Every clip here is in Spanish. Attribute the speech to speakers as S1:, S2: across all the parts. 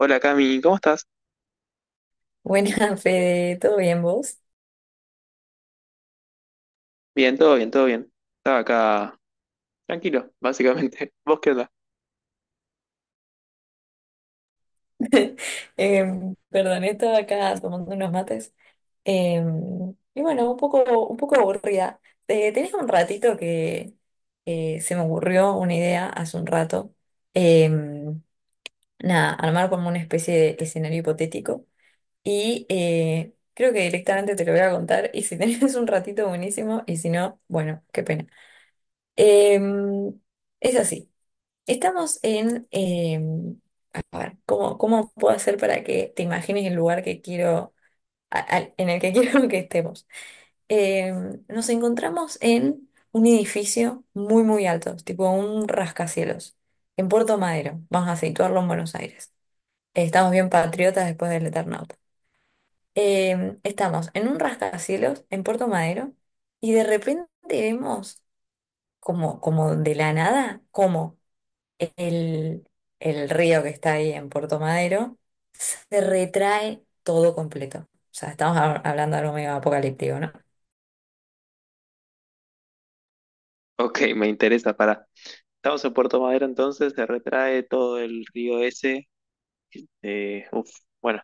S1: Hola Cami, ¿cómo estás?
S2: Buena, Fede, ¿todo bien vos?
S1: Bien, todo bien, todo bien. Estaba acá tranquilo, básicamente. ¿Vos qué onda?
S2: Perdón, estaba acá tomando unos mates. Y bueno, un poco aburrida. Tenés un ratito que se me ocurrió una idea hace un rato. Em, Nada, armar como una especie de escenario hipotético. Y creo que directamente te lo voy a contar. Y si tenés un ratito, buenísimo. Y si no, bueno, qué pena. Em, es así. Estamos en, a ver, ¿Cómo puedo hacer para que te imagines el lugar que quiero, en el que quiero que estemos? Eh, Nos encontramos en un edificio muy, muy alto, tipo un rascacielos, en Puerto Madero. Vamos a situarlo en Buenos Aires. Estamos bien patriotas después del Eternauta. Estamos en un rascacielos en Puerto Madero y de repente vemos como, como de la nada, como el, el río que está ahí en Puerto Madero, se retrae todo completo. O sea, estamos hablando de algo medio apocalíptico, ¿no?
S1: Ok, me interesa, pará. Estamos en Puerto Madero entonces, se retrae todo el río ese. eh, uf, bueno,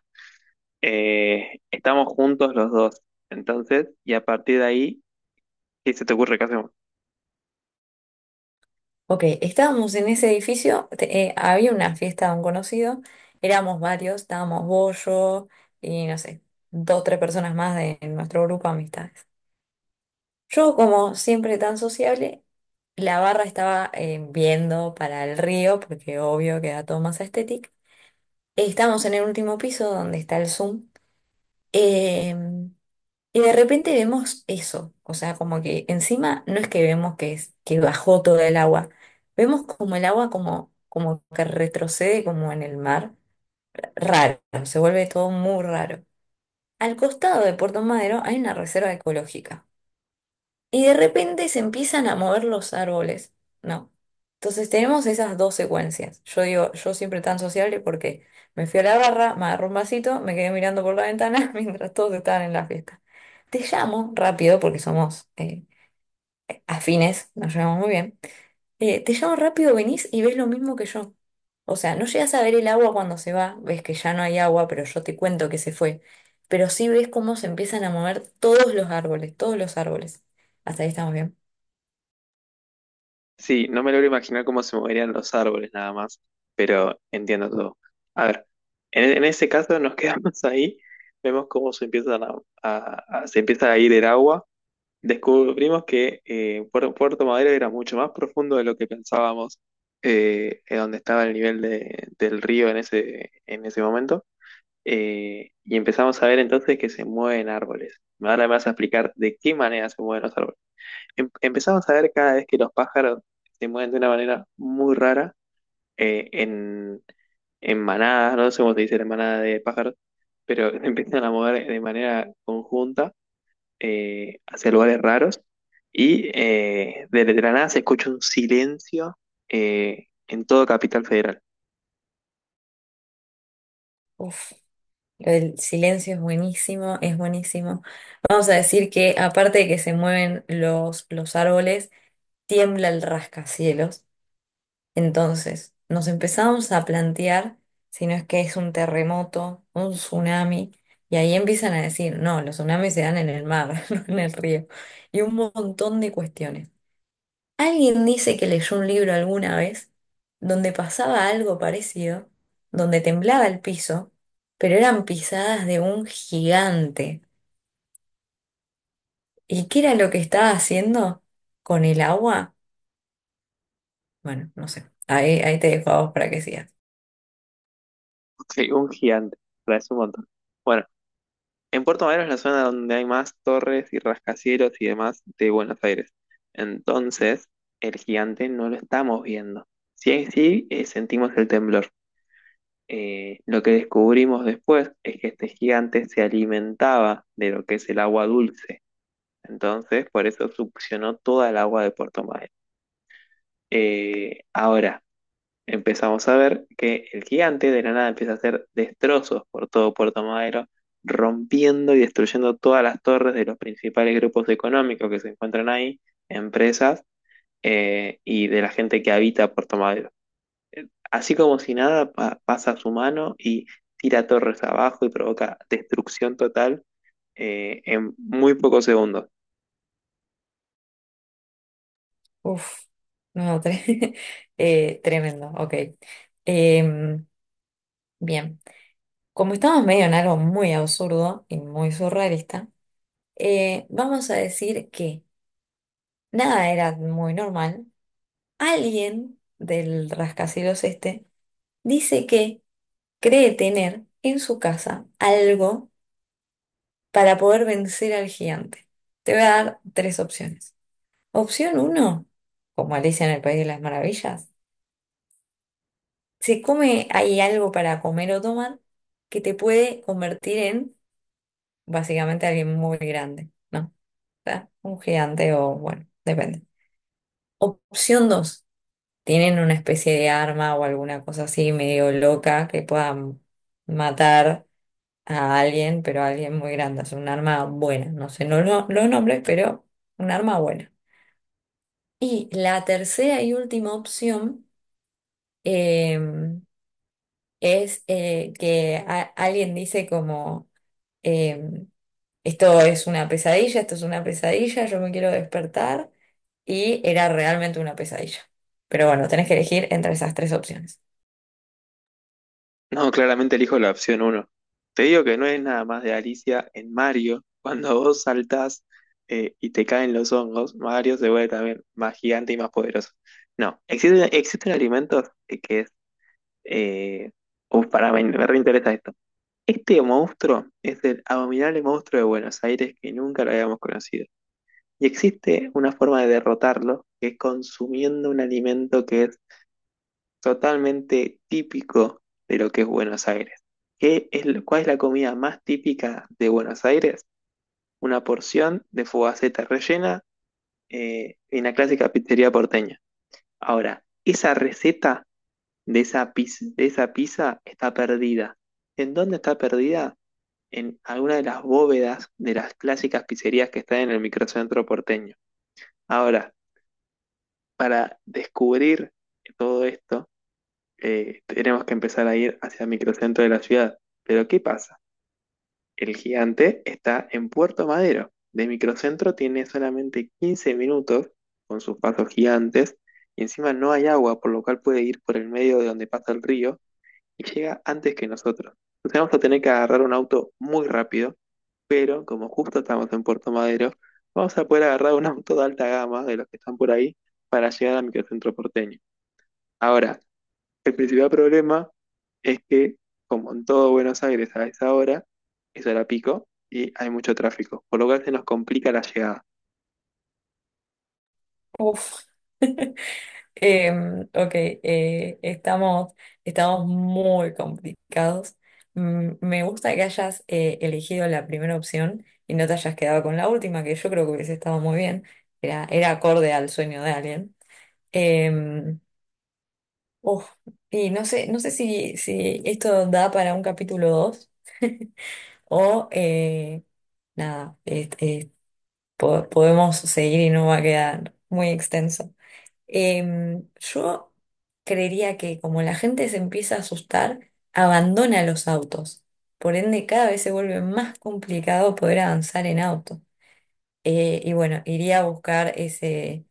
S1: estamos juntos los dos. Entonces, y a partir de ahí, ¿qué se te ocurre que hacemos?
S2: Ok, estábamos en ese edificio, había una fiesta de un conocido, éramos varios, estábamos vos, yo y no sé, dos, tres personas más de nuestro grupo de amistades. Yo, como siempre tan sociable, la barra estaba viendo para el río, porque obvio queda todo más estético. Estamos en el último piso donde está el Zoom. Eh, y de repente vemos eso, o sea, como que encima no es que vemos que, es, que bajó todo el agua, vemos como el agua como, como que retrocede como en el mar, raro, se vuelve todo muy raro. Al costado de Puerto Madero hay una reserva ecológica. Y de repente se empiezan a mover los árboles, ¿no? Entonces tenemos esas dos secuencias. Yo digo, yo siempre tan sociable porque me fui a la barra, me agarré un vasito, me quedé mirando por la ventana mientras todos estaban en la fiesta. Te llamo rápido porque somos afines, nos llevamos muy bien. Te llamo rápido, venís y ves lo mismo que yo. O sea, no llegas a ver el agua cuando se va, ves que ya no hay agua, pero yo te cuento que se fue. Pero sí ves cómo se empiezan a mover todos los árboles, todos los árboles. Hasta ahí estamos bien.
S1: Sí, no me logro imaginar cómo se moverían los árboles nada más, pero entiendo todo. A ver, en ese caso nos quedamos ahí, vemos cómo se empieza a ir el agua. Descubrimos que Puerto Madero era mucho más profundo de lo que pensábamos, en donde estaba el nivel del río en en ese momento. Y empezamos a ver entonces que se mueven árboles. Ahora me vas a explicar de qué manera se mueven los árboles. Empezamos a ver cada vez que los pájaros se mueven de una manera muy rara, eh, en, en manadas, no sé cómo se dice la manada de pájaros, pero empiezan a mover de manera conjunta hacia lugares raros y desde la nada se escucha un silencio en todo Capital Federal.
S2: Uf, lo del silencio es buenísimo, es buenísimo. Vamos a decir que aparte de que se mueven los árboles, tiembla el rascacielos. Entonces, nos empezamos a plantear si no es que es un terremoto, un tsunami, y ahí empiezan a decir, no, los tsunamis se dan en el mar, no en el río, y un montón de cuestiones. Alguien dice que leyó un libro alguna vez donde pasaba algo parecido, donde temblaba el piso, pero eran pisadas de un gigante. ¿Y qué era lo que estaba haciendo con el agua? Bueno, no sé. Ahí te dejo a vos para que sigas.
S1: Un gigante, parece un montón. Bueno, en Puerto Madero es la zona donde hay más torres y rascacielos y demás de Buenos Aires. Entonces, el gigante no lo estamos viendo. Sí, sí, sentimos el temblor. Lo que descubrimos después es que este gigante se alimentaba de lo que es el agua dulce. Entonces, por eso succionó toda el agua de Puerto Madryn. Eh, ahora, Empezamos a ver que el gigante de la nada empieza a hacer destrozos por todo Puerto Madero, rompiendo y destruyendo todas las torres de los principales grupos económicos que se encuentran ahí, empresas y de la gente que habita Puerto Madero. Así como si nada, pasa su mano y tira torres abajo y provoca destrucción total en muy pocos segundos.
S2: Uf, no, tremendo, ok. Em, Bien, como estamos medio en algo muy absurdo y muy surrealista, vamos a decir que nada era muy normal. Alguien del rascacielos este dice que cree tener en su casa algo para poder vencer al gigante. Te voy a dar tres opciones. Opción uno, como Alicia en el País de las Maravillas, se come, hay algo para comer o tomar que te puede convertir en básicamente alguien muy grande, ¿no? O sea, un gigante o bueno, depende. Opción dos. ¿Tienen una especie de arma o alguna cosa así medio loca que puedan matar a alguien, pero a alguien muy grande? Es un arma buena, no sé, no lo, los nombres, pero un arma buena. Y la tercera y última opción eh, es que alguien dice como, eh, esto es una pesadilla, esto es una pesadilla, yo me quiero despertar y era realmente una pesadilla. Pero bueno, tenés que elegir entre esas tres opciones.
S1: No, claramente elijo la opción uno. Te digo que no es nada más de Alicia en Mario. Cuando vos saltás y te caen los hongos, Mario se vuelve también más gigante y más poderoso. No, existen alimentos que es... Eh, Pará, me reinteresa esto. Este monstruo es el abominable monstruo de Buenos Aires que nunca lo habíamos conocido. Y existe una forma de derrotarlo, que es consumiendo un alimento que es totalmente típico de lo que es Buenos Aires. ¿Qué es, cuál es la comida más típica de Buenos Aires? Una porción de fogaceta rellena en la clásica pizzería porteña. Ahora, esa receta de esa pizza está perdida. ¿En dónde está perdida? En alguna de las bóvedas de las clásicas pizzerías que están en el microcentro porteño. Ahora, para descubrir todo esto, tenemos que empezar a ir hacia el microcentro de la ciudad. Pero ¿qué pasa? El gigante está en Puerto Madero. De microcentro tiene solamente 15 minutos con sus pasos gigantes y encima no hay agua, por lo cual puede ir por el medio de donde pasa el río y llega antes que nosotros. Entonces vamos a tener que agarrar un auto muy rápido, pero como justo estamos en Puerto Madero, vamos a poder agarrar un auto de alta gama de los que están por ahí para llegar al microcentro porteño. Ahora, el principal problema es que, como en todo Buenos Aires a esa hora, es hora pico y hay mucho tráfico, por lo cual se nos complica la llegada.
S2: Uf. Ok, estamos muy complicados. Mm, me gusta que hayas elegido la primera opción y no te hayas quedado con la última, que yo creo que hubiese estado muy bien. Era acorde al sueño de alguien. Em, Uf, y no sé, no sé si, si esto da para un capítulo 2 o nada, este, podemos seguir y no va a quedar muy extenso. Yo creería que como la gente se empieza a asustar, abandona los autos. Por ende, cada vez se vuelve más complicado poder avanzar en auto. Y bueno, iría a buscar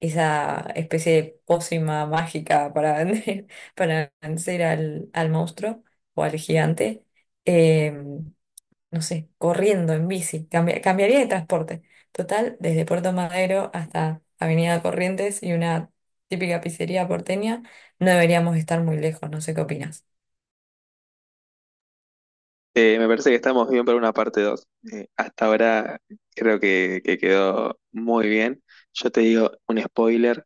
S2: esa especie de pócima mágica para vender, para vencer al monstruo o al gigante. Em, no sé, corriendo en bici, cambiaría de transporte. Total, desde Puerto Madero hasta Avenida Corrientes y una típica pizzería porteña, no deberíamos estar muy lejos, no sé qué opinas.
S1: Me parece que estamos bien para una parte 2. Hasta ahora creo que quedó muy bien. Yo te digo un spoiler,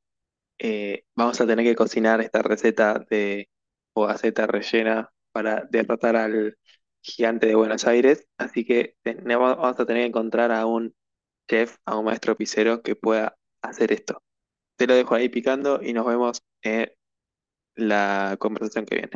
S1: vamos a tener que cocinar esta receta de fugaceta rellena para derrotar al gigante de Buenos Aires, así que vamos a tener que encontrar a un chef a un maestro pisero que pueda hacer esto. Te lo dejo ahí picando y nos vemos en la conversación que viene.